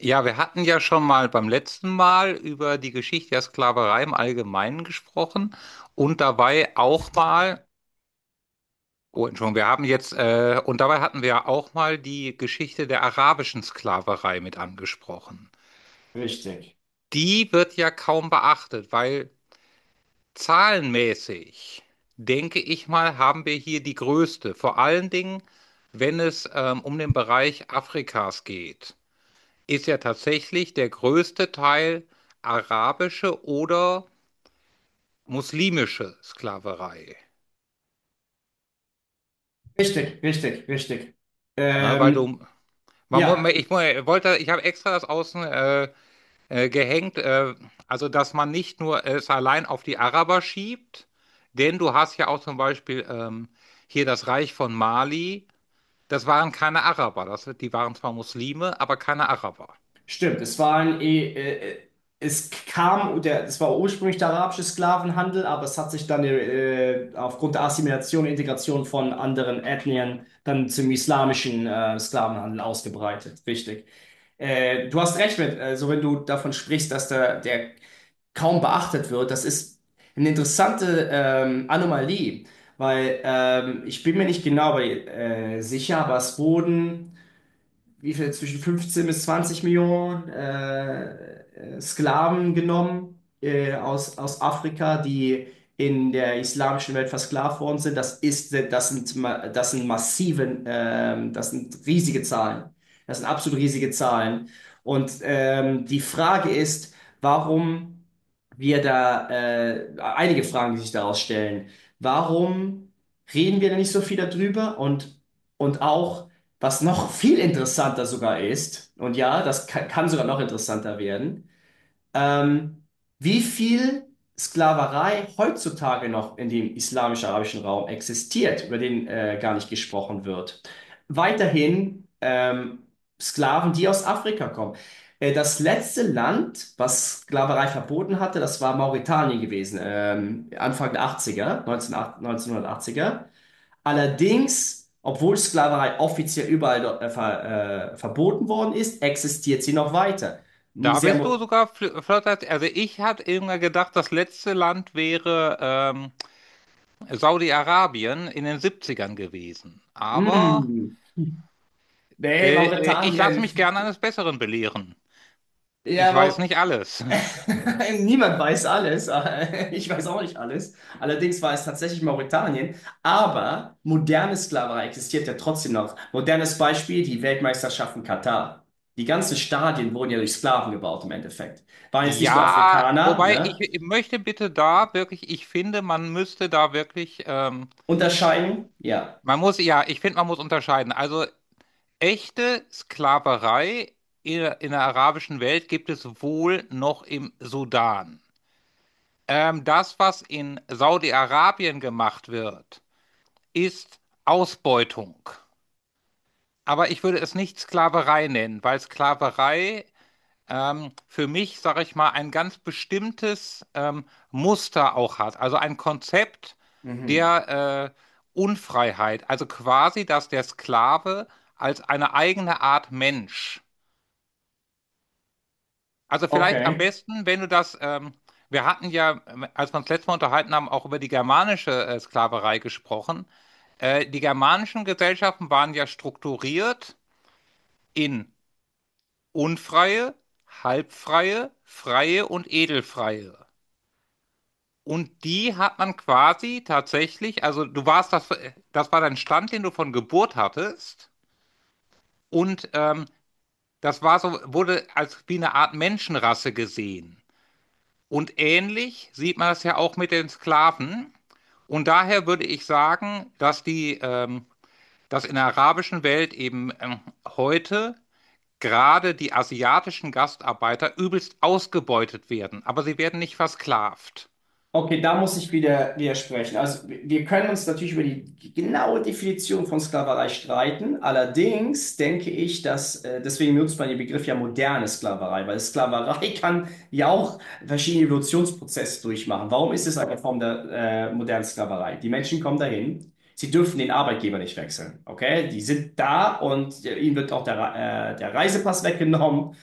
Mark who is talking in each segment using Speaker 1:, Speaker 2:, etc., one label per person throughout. Speaker 1: Ja, wir hatten ja schon mal beim letzten Mal über die Geschichte der Sklaverei im Allgemeinen gesprochen und dabei auch mal, oh Entschuldigung, und dabei hatten wir auch mal die Geschichte der arabischen Sklaverei mit angesprochen.
Speaker 2: Richtig,
Speaker 1: Die wird ja kaum beachtet, weil zahlenmäßig, denke ich mal, haben wir hier die größte, vor allen Dingen, wenn es um den Bereich Afrikas geht. Ist ja tatsächlich der größte Teil arabische oder muslimische Sklaverei.
Speaker 2: richtig.
Speaker 1: Ne, weil
Speaker 2: Ähm,
Speaker 1: du, man, mu-
Speaker 2: ja,
Speaker 1: ich mu- wollte, ich habe extra das außen gehängt, also dass man nicht nur es allein auf die Araber schiebt, denn du hast ja auch zum Beispiel, hier, das Reich von Mali, das waren keine Araber, die waren zwar Muslime, aber keine Araber.
Speaker 2: Stimmt, es war äh, es war ursprünglich der arabische Sklavenhandel, aber es hat sich dann aufgrund der Assimilation und Integration von anderen Ethnien dann zum islamischen Sklavenhandel ausgebreitet. Richtig. Du hast recht mit, also wenn du davon sprichst, dass der kaum beachtet wird, das ist eine interessante Anomalie, weil ich bin mir nicht genau sicher, aber es wurden wie viel, zwischen 15 bis 20 Millionen Sklaven genommen aus Afrika, die in der islamischen Welt versklavt worden sind. Das sind massiven, das sind riesige Zahlen. Das sind absolut riesige Zahlen. Und die Frage ist, warum einige Fragen, die sich daraus stellen. Warum reden wir da nicht so viel darüber? Und auch, was noch viel interessanter sogar ist, und ja, das kann sogar noch interessanter werden, ähm, wie viel Sklaverei heutzutage noch in dem islamisch-arabischen Raum existiert, über den gar nicht gesprochen wird. Weiterhin Sklaven, die aus Afrika kommen. Das letzte Land, was Sklaverei verboten hatte, das war Mauretanien gewesen, Anfang der Achtziger, er 1980. Allerdings, obwohl Sklaverei offiziell überall dort verboten worden ist, existiert sie noch weiter.
Speaker 1: Da
Speaker 2: Sehr
Speaker 1: bist du
Speaker 2: mo
Speaker 1: sogar flotter. Also ich hatte immer gedacht, das letzte Land wäre Saudi-Arabien in den Siebzigern gewesen. Aber
Speaker 2: Mm. Nee,
Speaker 1: ich lasse
Speaker 2: Mauretanien.
Speaker 1: mich gerne eines Besseren belehren. Ich
Speaker 2: Ja,
Speaker 1: weiß
Speaker 2: Mau
Speaker 1: nicht alles.
Speaker 2: Niemand weiß alles. Ich weiß auch nicht alles. Allerdings war es tatsächlich Mauretanien. Aber moderne Sklaverei existiert ja trotzdem noch. Modernes Beispiel, die Weltmeisterschaften Katar. Die ganzen Stadien wurden ja durch Sklaven gebaut im Endeffekt. Waren jetzt nicht nur
Speaker 1: Ja,
Speaker 2: Afrikaner,
Speaker 1: wobei
Speaker 2: ne?
Speaker 1: ich möchte bitte da wirklich, ich finde, man müsste da wirklich,
Speaker 2: Unterscheidung, ja.
Speaker 1: ja, ich finde, man muss unterscheiden. Also echte Sklaverei in der arabischen Welt gibt es wohl noch im Sudan. Das, was in Saudi-Arabien gemacht wird, ist Ausbeutung. Aber ich würde es nicht Sklaverei nennen, weil Sklaverei für mich, sage ich mal, ein ganz bestimmtes Muster auch hat. Also ein Konzept
Speaker 2: Mhm.
Speaker 1: der Unfreiheit. Also quasi, dass der Sklave als eine eigene Art Mensch. Also vielleicht am
Speaker 2: Okay.
Speaker 1: besten, wenn du das, wir hatten ja, als wir uns letztes Mal unterhalten haben, auch über die germanische Sklaverei gesprochen. Die germanischen Gesellschaften waren ja strukturiert in unfreie, halbfreie, freie und edelfreie. Und die hat man quasi tatsächlich, also du warst das, das war dein Stand, den du von Geburt hattest. Und das war so, wurde als wie eine Art Menschenrasse gesehen. Und ähnlich sieht man das ja auch mit den Sklaven. Und daher würde ich sagen, dass in der arabischen Welt eben heute gerade die asiatischen Gastarbeiter übelst ausgebeutet werden, aber sie werden nicht versklavt.
Speaker 2: Okay, da muss ich wieder widersprechen. Also wir können uns natürlich über die genaue Definition von Sklaverei streiten. Allerdings denke ich, dass, deswegen benutzt man den Begriff ja moderne Sklaverei, weil Sklaverei kann ja auch verschiedene Evolutionsprozesse durchmachen. Warum ist es eine Form der modernen Sklaverei? Die Menschen kommen dahin, sie dürfen den Arbeitgeber nicht wechseln. Okay, die sind da und ihnen wird auch der Reisepass weggenommen.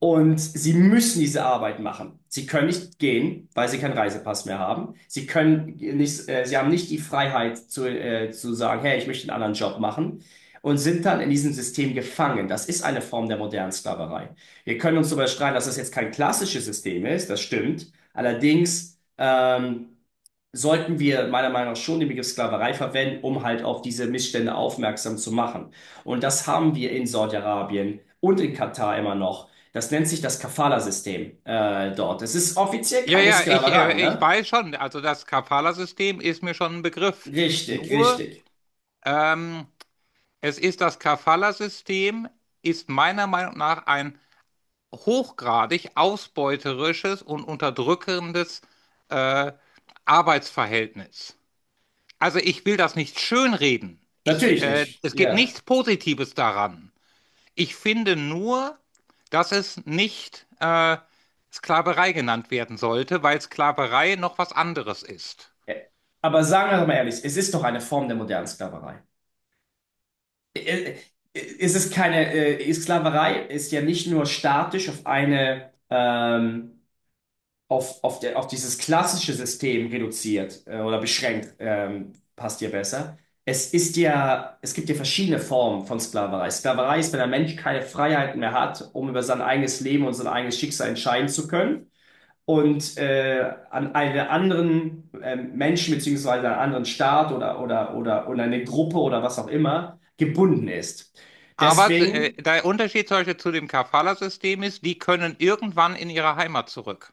Speaker 2: Und sie müssen diese Arbeit machen. Sie können nicht gehen, weil sie keinen Reisepass mehr haben. Sie können nicht, sie haben nicht die Freiheit zu sagen, hey, ich möchte einen anderen Job machen und sind dann in diesem System gefangen. Das ist eine Form der modernen Sklaverei. Wir können uns darüber streiten, dass das jetzt kein klassisches System ist, das stimmt. Allerdings, sollten wir meiner Meinung nach schon den Begriff Sklaverei verwenden, um halt auf diese Missstände aufmerksam zu machen. Und das haben wir in Saudi-Arabien und in Katar immer noch. Das nennt sich das Kafala-System dort. Es ist offiziell
Speaker 1: Ja,
Speaker 2: keine
Speaker 1: ja,
Speaker 2: Sklaverei,
Speaker 1: ich
Speaker 2: ne?
Speaker 1: weiß schon, also das Kafala-System ist mir schon ein Begriff.
Speaker 2: Richtig,
Speaker 1: Nur,
Speaker 2: richtig.
Speaker 1: ähm, es ist, das Kafala-System ist meiner Meinung nach ein hochgradig ausbeuterisches und unterdrückendes äh, Arbeitsverhältnis. Also ich will das nicht schönreden.
Speaker 2: Natürlich nicht.
Speaker 1: Es gibt
Speaker 2: Ja.
Speaker 1: nichts Positives daran. Ich finde nur, dass es nicht Sklaverei genannt werden sollte, weil Sklaverei noch was anderes ist.
Speaker 2: Äh, Aber sagen wir doch mal ehrlich, es ist doch eine Form der modernen Sklaverei. Äh, äh, Es ist keine, Sklaverei ist ja nicht nur statisch auf eine, auf, der, auf dieses klassische System reduziert oder beschränkt, passt dir besser. Es gibt ja verschiedene Formen von Sklaverei. Sklaverei ist, wenn der Mensch keine Freiheiten mehr hat, um über sein eigenes Leben und sein eigenes Schicksal entscheiden zu können und an einen anderen Menschen beziehungsweise einen anderen Staat oder eine Gruppe oder was auch immer gebunden ist.
Speaker 1: Aber
Speaker 2: Deswegen
Speaker 1: der Unterschied zum Beispiel zu dem Kafala-System ist, die können irgendwann in ihre Heimat zurück.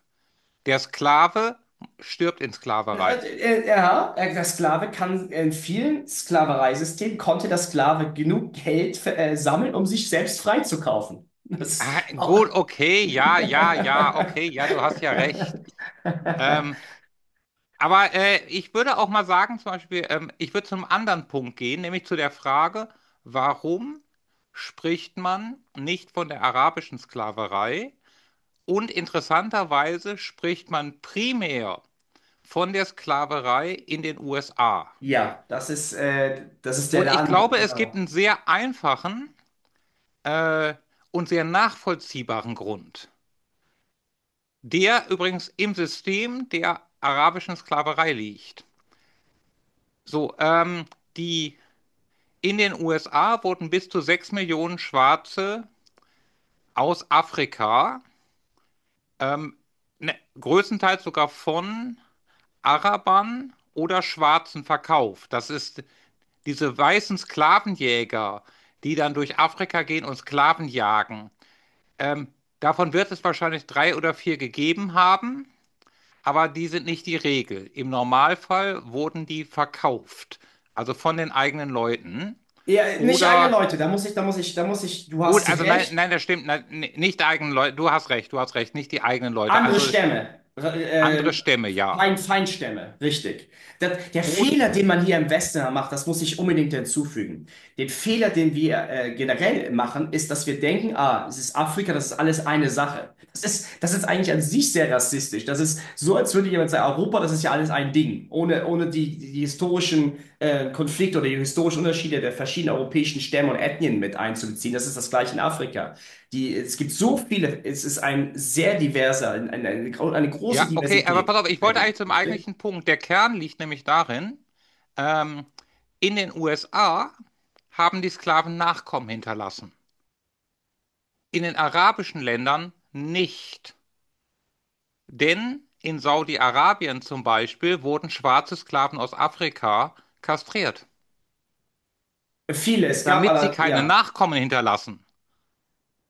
Speaker 1: Der Sklave stirbt in
Speaker 2: Äh,
Speaker 1: Sklaverei.
Speaker 2: ja, der Sklave kann in vielen Sklavereisystemen konnte der Sklave genug Geld sammeln, um sich selbst freizukaufen. Das ist
Speaker 1: Ah, gut,
Speaker 2: auch-
Speaker 1: okay, ja, ja, ja, okay, ja, du hast ja recht. Ähm, Aber ich würde auch mal sagen, zum Beispiel, ich würde zum anderen Punkt gehen, nämlich zu der Frage, warum spricht man nicht von der arabischen Sklaverei? Und interessanterweise spricht man primär von der Sklaverei in den USA.
Speaker 2: Ja, das ist
Speaker 1: Und
Speaker 2: der
Speaker 1: ich
Speaker 2: andere,
Speaker 1: glaube, es gibt
Speaker 2: genau.
Speaker 1: einen sehr einfachen äh, und sehr nachvollziehbaren Grund, der übrigens im System der arabischen Sklaverei liegt. So, die In den USA wurden bis zu 6 Millionen Schwarze aus Afrika, ähm, ne, größtenteils sogar von Arabern oder Schwarzen verkauft. Das ist, diese weißen Sklavenjäger, die dann durch Afrika gehen und Sklaven jagen. Ähm, Davon wird es wahrscheinlich drei oder vier gegeben haben, aber die sind nicht die Regel. Im Normalfall wurden die verkauft, also von den eigenen Leuten
Speaker 2: Ja, nicht alle
Speaker 1: oder.
Speaker 2: Leute, da muss ich, du
Speaker 1: Gut,
Speaker 2: hast
Speaker 1: also nein,
Speaker 2: recht.
Speaker 1: nein, das stimmt. Nein, nicht die eigenen Leute, du hast recht, nicht die eigenen Leute.
Speaker 2: Andere
Speaker 1: Also
Speaker 2: Stämme, äh,
Speaker 1: andere Stämme, ja.
Speaker 2: Feind, Feindstämme, richtig. Das, der
Speaker 1: Oder,
Speaker 2: Fehler, den man hier im Westen macht, das muss ich unbedingt hinzufügen. Den Fehler, den wir generell machen, ist, dass wir denken, ah, es ist Afrika, das ist alles eine Sache. Das ist eigentlich an sich sehr rassistisch. Das ist so, als würde jemand sagen, Europa, das ist ja alles ein Ding, ohne, ohne die historischen Konflikte oder die historischen Unterschiede der verschiedenen europäischen Stämme und Ethnien mit einzubeziehen. Das ist das gleiche in Afrika. Die, es gibt so viele, es ist ein sehr diverser, eine große
Speaker 1: ja, okay, aber
Speaker 2: Diversität,
Speaker 1: pass auf,
Speaker 2: die
Speaker 1: ich wollte eigentlich
Speaker 2: es
Speaker 1: zum
Speaker 2: richtig?
Speaker 1: eigentlichen Punkt. Der Kern liegt nämlich darin, ähm, in den USA haben die Sklaven Nachkommen hinterlassen. In den arabischen Ländern nicht. Denn in Saudi-Arabien zum Beispiel wurden schwarze Sklaven aus Afrika kastriert,
Speaker 2: Viele, es gab
Speaker 1: damit sie
Speaker 2: aber,
Speaker 1: keine
Speaker 2: ja,
Speaker 1: Nachkommen hinterlassen.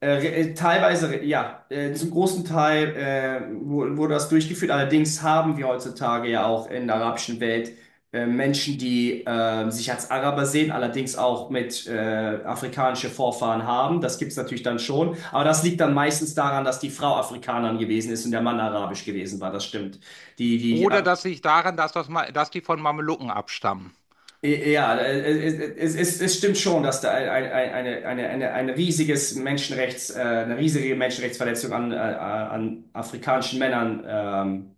Speaker 2: äh, teilweise, ja, zum großen Teil wurde das durchgeführt. Allerdings haben wir heutzutage ja auch in der arabischen Welt Menschen, die sich als Araber sehen, allerdings auch mit afrikanische Vorfahren haben. Das gibt es natürlich dann schon. Aber das liegt dann meistens daran, dass die Frau Afrikanerin gewesen ist und der Mann arabisch gewesen war. Das stimmt. Die, die
Speaker 1: Oder das liegt daran, dass die von Mamelucken abstammen.
Speaker 2: Ja, es stimmt schon, dass da ein riesiges eine riesige Menschenrechtsverletzung an afrikanischen Männern, ähm,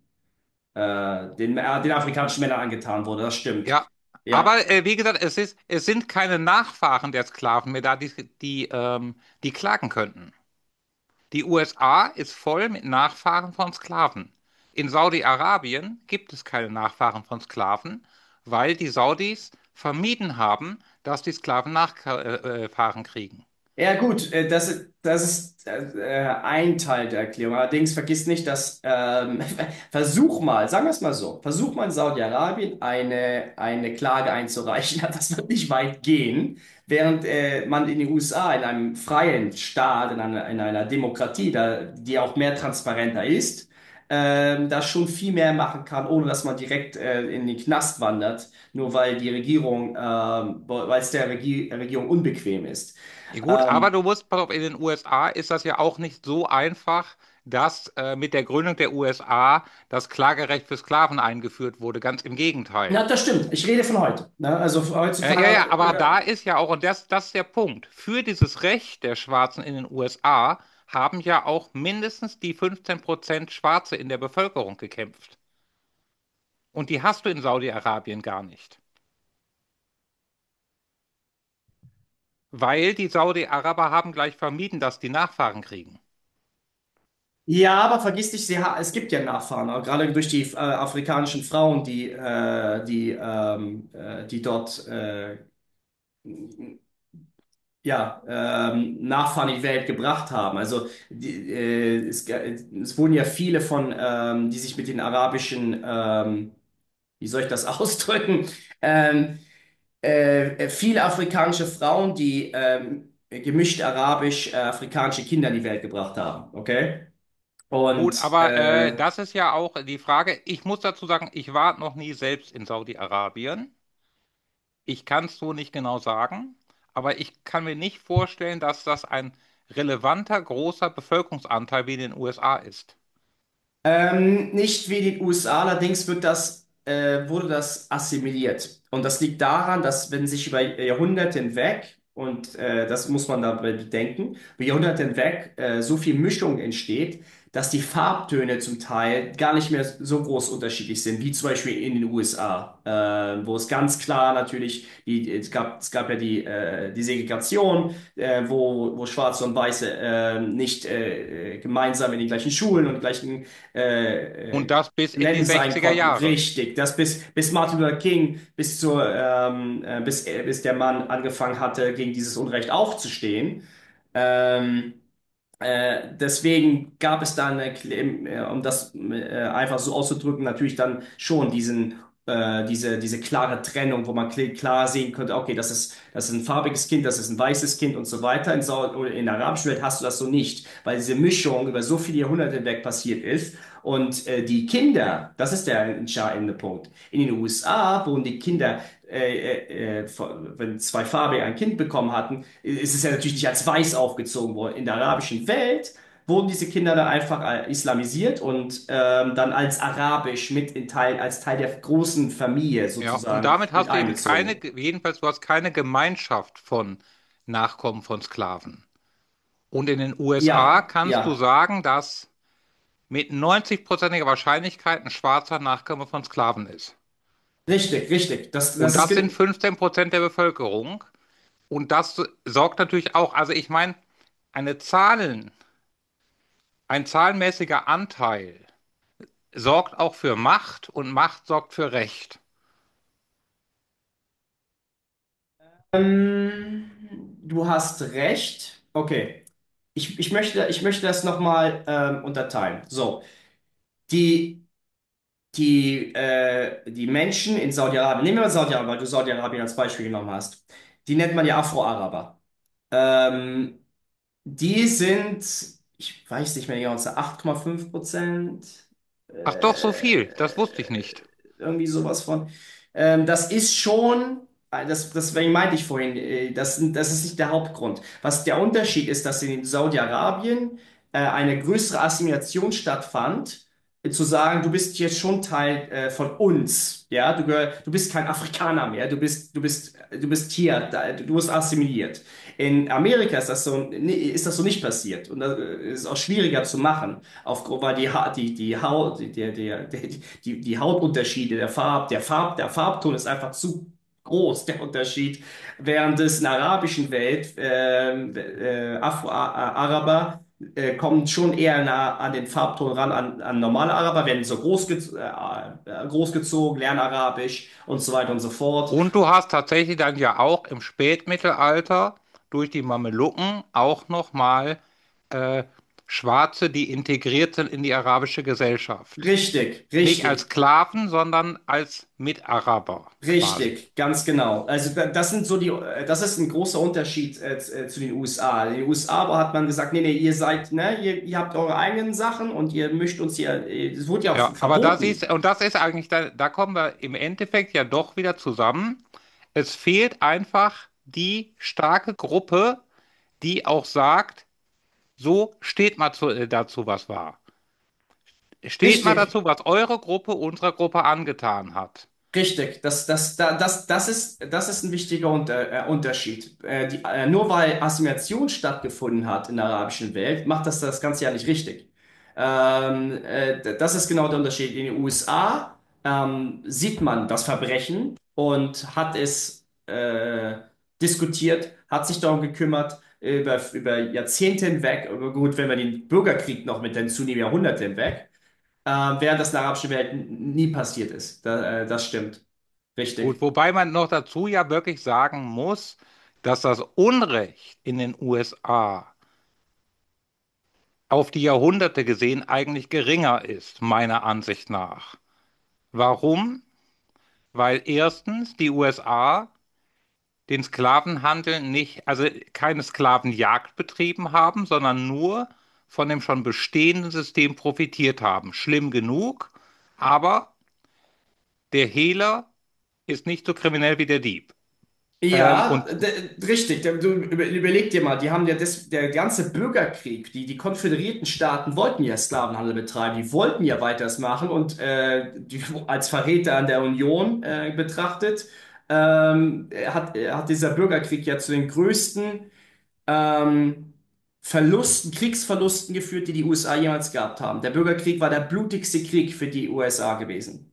Speaker 2: äh, den, äh, den afrikanischen Männern angetan wurde. Das stimmt.
Speaker 1: Ja.
Speaker 2: Ja.
Speaker 1: Aber wie gesagt, es ist, es sind keine Nachfahren der Sklaven mehr da, die klagen könnten. Die USA ist voll mit Nachfahren von Sklaven. In Saudi-Arabien gibt es keine Nachfahren von Sklaven, weil die Saudis vermieden haben, dass die Sklaven Nachfahren kriegen.
Speaker 2: Ja, gut, das ist ein Teil der Erklärung. Allerdings vergiss nicht, dass versuch mal, sagen wir es mal so, versuch mal in Saudi-Arabien eine Klage einzureichen. Ja, das wird nicht weit gehen, während man in den USA, in einem freien Staat, in einer Demokratie, da, die auch mehr transparenter ist, da schon viel mehr machen kann, ohne dass man direkt in den Knast wandert, nur weil die Regierung, weil es der Regierung unbequem ist.
Speaker 1: Ja, gut, aber
Speaker 2: Ähm,
Speaker 1: du musst, pass auf, in den USA ist das ja auch nicht so einfach, dass mit der Gründung der USA das Klagerecht für Sklaven eingeführt wurde. Ganz im
Speaker 2: Ja,
Speaker 1: Gegenteil.
Speaker 2: das stimmt. Ich rede von heute. Ne? Also
Speaker 1: Ja, ja,
Speaker 2: heutzutage
Speaker 1: aber da
Speaker 2: oder
Speaker 1: ist ja auch, und das, das ist der Punkt, für dieses Recht der Schwarzen in den USA haben ja auch mindestens die 15% Schwarze in der Bevölkerung gekämpft. Und die hast du in Saudi-Arabien gar nicht, weil die Saudi-Araber haben gleich vermieden, dass die Nachfahren kriegen.
Speaker 2: ja, aber vergiss nicht, sie ha es gibt ja Nachfahren, auch gerade durch die afrikanischen Frauen, die dort ja Nachfahren in die Welt gebracht haben. Also es wurden ja viele von die sich mit den arabischen wie soll ich das ausdrücken? Ähm, Viele afrikanische Frauen, die gemischt arabisch-afrikanische Kinder in die Welt gebracht haben. Okay?
Speaker 1: Gut,
Speaker 2: Und
Speaker 1: aber das ist ja auch die Frage. Ich muss dazu sagen, ich war noch nie selbst in Saudi-Arabien. Ich kann es so nicht genau sagen, aber ich kann mir nicht vorstellen, dass das ein relevanter, großer Bevölkerungsanteil wie in den USA ist.
Speaker 2: Nicht wie die USA, allerdings wird wurde das assimiliert. Und das liegt daran, dass wenn sich über Jahrhunderte hinweg, und das muss man dabei bedenken, über Jahrhunderte hinweg so viel Mischung entsteht, dass die Farbtöne zum Teil gar nicht mehr so groß unterschiedlich sind, wie zum Beispiel in den USA, wo es ganz klar natürlich, die, es gab ja die, die Segregation, wo Schwarze und Weiße nicht gemeinsam in den gleichen Schulen und gleichen äh,
Speaker 1: Und
Speaker 2: äh,
Speaker 1: das bis in die
Speaker 2: nennen sein
Speaker 1: sechziger
Speaker 2: konnten.
Speaker 1: Jahre.
Speaker 2: Richtig. Das bis Martin Luther King, bis der Mann angefangen hatte, gegen dieses Unrecht aufzustehen. Ähm, Deswegen gab es dann, um das einfach so auszudrücken, natürlich dann schon diese klare Trennung, wo man klar sehen konnte, okay, das ist ein farbiges Kind, das ist ein weißes Kind und so weiter. Oder in der arabischen Welt hast du das so nicht, weil diese Mischung über so viele Jahrhunderte hinweg passiert ist. Und die Kinder, das ist der entscheidende Punkt. In den USA wurden die Kinder, äh, wenn zwei Farbe ein Kind bekommen hatten, es ist ja natürlich nicht als weiß aufgezogen worden. In der arabischen Welt wurden diese Kinder dann einfach islamisiert und dann als arabisch als Teil der großen Familie
Speaker 1: Ja, und
Speaker 2: sozusagen
Speaker 1: damit
Speaker 2: mit
Speaker 1: hast du eben keine,
Speaker 2: einbezogen.
Speaker 1: jedenfalls du hast keine Gemeinschaft von Nachkommen von Sklaven. Und in den USA
Speaker 2: Ja,
Speaker 1: kannst du
Speaker 2: ja,
Speaker 1: sagen, dass mit 90-prozentiger Wahrscheinlichkeit ein schwarzer Nachkomme von Sklaven ist.
Speaker 2: richtig, richtig.
Speaker 1: Und das sind 15% der Bevölkerung. Und das sorgt natürlich auch, also ich meine, eine Zahlen, ein zahlenmäßiger Anteil sorgt auch für Macht und Macht sorgt für Recht.
Speaker 2: Ähm, du hast recht. Okay. Ich möchte das nochmal unterteilen. So, die die, die Menschen in Saudi-Arabien, nehmen wir mal Saudi-Arabien, weil du Saudi-Arabien als Beispiel genommen hast, die nennt man ja Afro-Araber. Ähm, Die sind, ich weiß nicht mehr genau, es sind 8,5%,
Speaker 1: Ach doch, so viel, das wusste ich
Speaker 2: äh,
Speaker 1: nicht.
Speaker 2: irgendwie sowas von. Das ist schon, deswegen meinte ich vorhin, das ist nicht der Hauptgrund. Was der Unterschied ist, dass in Saudi-Arabien eine größere Assimilation stattfand, zu sagen, du bist jetzt schon Teil von uns, ja, du bist kein Afrikaner mehr, du bist hier, da, du wirst assimiliert. In Amerika ist das so, nee, ist das so nicht passiert. Und das ist auch schwieriger zu machen, weil die, ha die, die Haut, die, der, der, der, die, die Hautunterschiede, der Farbton ist einfach zu groß, der Unterschied. Während es in der arabischen Welt, Afro-Araber, kommen schon eher nah an den Farbton ran, an normale Araber, werden so großgezogen, lernen Arabisch und so weiter und so fort.
Speaker 1: Und du hast tatsächlich dann ja auch im Spätmittelalter durch die Mamelucken auch nochmal äh, Schwarze, die integriert sind in die arabische Gesellschaft.
Speaker 2: Richtig,
Speaker 1: Nicht als
Speaker 2: richtig.
Speaker 1: Sklaven, sondern als Mitaraber quasi.
Speaker 2: Richtig, ganz genau. Also das sind so die, das ist ein großer Unterschied zu den USA. In den USA aber hat man gesagt, nee, nee, ihr seid, ne, ihr habt eure eigenen Sachen und ihr mischt uns hier, es wurde ja auch
Speaker 1: Ja, aber da siehst,
Speaker 2: verboten.
Speaker 1: und das ist eigentlich, da kommen wir im Endeffekt ja doch wieder zusammen. Es fehlt einfach die starke Gruppe, die auch sagt, so steht mal zu, dazu, was war. Steht mal
Speaker 2: Richtig.
Speaker 1: dazu, was eure Gruppe unserer Gruppe angetan hat.
Speaker 2: Richtig, das ist ein wichtiger Unterschied. Nur weil Assimilation stattgefunden hat in der arabischen Welt, macht das das Ganze ja nicht richtig. Das ist genau der Unterschied. In den USA sieht man das Verbrechen und hat es diskutiert, hat sich darum gekümmert, über Jahrzehnte hinweg, aber gut, wenn man den Bürgerkrieg noch mit hinzunehmen, Jahrhunderte hinweg äh, während das in der arabischen Welt nie passiert ist. Da, das stimmt.
Speaker 1: Gut,
Speaker 2: Richtig.
Speaker 1: wobei man noch dazu ja wirklich sagen muss, dass das Unrecht in den USA auf die Jahrhunderte gesehen eigentlich geringer ist, meiner Ansicht nach. Warum? Weil erstens die USA den Sklavenhandel nicht, also keine Sklavenjagd betrieben haben, sondern nur von dem schon bestehenden System profitiert haben. Schlimm genug, aber der Hehler ist nicht so kriminell wie der Dieb. Ähm,
Speaker 2: Ja,
Speaker 1: und
Speaker 2: richtig. Du überleg dir mal, die haben ja das, der ganze Bürgerkrieg, die konföderierten Staaten wollten ja Sklavenhandel betreiben, die wollten ja weiters machen und als Verräter an der Union betrachtet, hat dieser Bürgerkrieg ja zu den größten ähm, Kriegsverlusten geführt, die die USA jemals gehabt haben. Der Bürgerkrieg war der blutigste Krieg für die USA gewesen,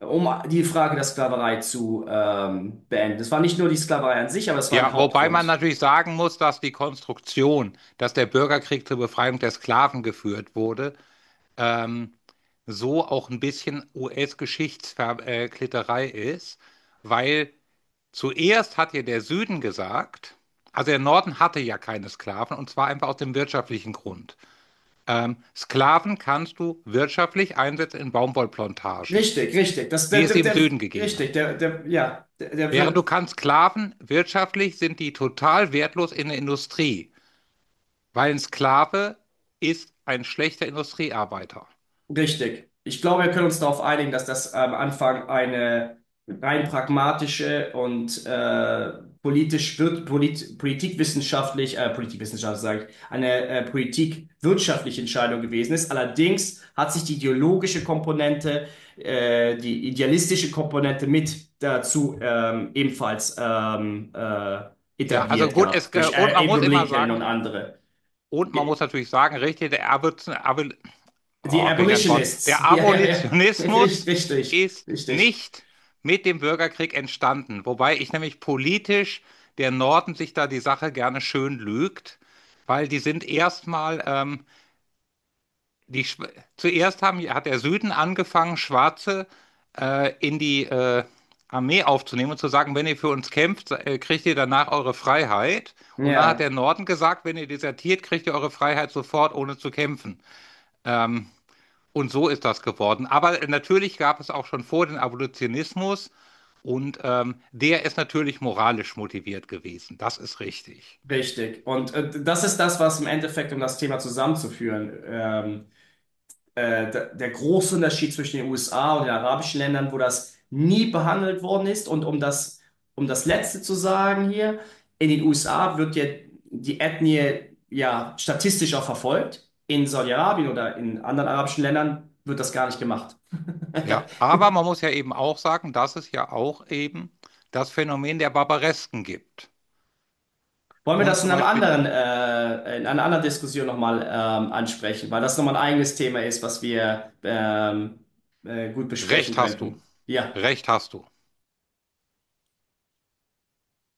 Speaker 2: um die Frage der Sklaverei zu beenden. Es war nicht nur die Sklaverei an sich, aber es war ein
Speaker 1: ja, wobei man
Speaker 2: Hauptgrund.
Speaker 1: natürlich sagen muss, dass die Konstruktion, dass der Bürgerkrieg zur Befreiung der Sklaven geführt wurde, ähm, so auch ein bisschen US-Geschichtsklitterei ist, weil: zuerst hat ja der Süden gesagt, also der Norden hatte ja keine Sklaven, und zwar einfach aus dem wirtschaftlichen Grund. Sklaven kannst du wirtschaftlich einsetzen in Baumwollplantagen,
Speaker 2: Richtig, richtig. Das, der,
Speaker 1: wie es
Speaker 2: der,
Speaker 1: im
Speaker 2: der,
Speaker 1: Süden gegeben
Speaker 2: richtig,
Speaker 1: hat.
Speaker 2: der, der, ja, der,
Speaker 1: Während,
Speaker 2: der,
Speaker 1: du kannst Sklaven, wirtschaftlich sind die total wertlos in der Industrie, weil ein Sklave ist ein schlechter Industriearbeiter.
Speaker 2: Richtig. Ich glaube, wir können uns darauf einigen, dass das am Anfang eine rein pragmatische und politikwissenschaftlich, eine politikwirtschaftliche Entscheidung gewesen ist. Allerdings hat sich die ideologische Komponente, die idealistische Komponente mit dazu ebenfalls
Speaker 1: Ja, also
Speaker 2: etabliert
Speaker 1: gut,
Speaker 2: gehabt durch
Speaker 1: und man muss
Speaker 2: Abraham
Speaker 1: immer
Speaker 2: Lincoln und
Speaker 1: sagen,
Speaker 2: andere.
Speaker 1: und man muss
Speaker 2: Die
Speaker 1: natürlich sagen, richtig,
Speaker 2: Die
Speaker 1: oh, welch ein Wort. Der
Speaker 2: Abolitionists. Ja, ja, ja.
Speaker 1: Abolitionismus
Speaker 2: Richtig, richtig,
Speaker 1: ist
Speaker 2: richtig.
Speaker 1: nicht mit dem Bürgerkrieg entstanden, wobei ich nämlich politisch, der Norden sich da die Sache gerne schön lügt, weil die sind erstmal, die, Schw- zuerst haben, hat der Süden angefangen, Schwarze in die Armee aufzunehmen und zu sagen, wenn ihr für uns kämpft, kriegt ihr danach eure Freiheit. Und dann hat der
Speaker 2: Ja,
Speaker 1: Norden gesagt, wenn ihr desertiert, kriegt ihr eure Freiheit sofort, ohne zu kämpfen. Ähm, und so ist das geworden. Aber natürlich gab es auch schon vor den Abolitionismus, und der ist natürlich moralisch motiviert gewesen. Das ist richtig.
Speaker 2: richtig. Und das ist das, was im Endeffekt, um das Thema zusammenzuführen, der große Unterschied zwischen den USA und den arabischen Ländern, wo das nie behandelt worden ist. Um das Letzte zu sagen hier, in den USA wird ja die Ethnie ja statistisch auch verfolgt. In Saudi-Arabien oder in anderen arabischen Ländern wird das gar nicht gemacht.
Speaker 1: Ja, aber man muss ja eben auch sagen, dass es ja auch eben das Phänomen der Barbaresken gibt.
Speaker 2: Wollen wir
Speaker 1: Und
Speaker 2: das in
Speaker 1: zum
Speaker 2: einem
Speaker 1: Beispiel,
Speaker 2: anderen, in einer anderen Diskussion nochmal ansprechen, weil das nochmal ein eigenes Thema ist, was wir gut besprechen
Speaker 1: Recht hast du,
Speaker 2: könnten. Ja.
Speaker 1: Recht hast du.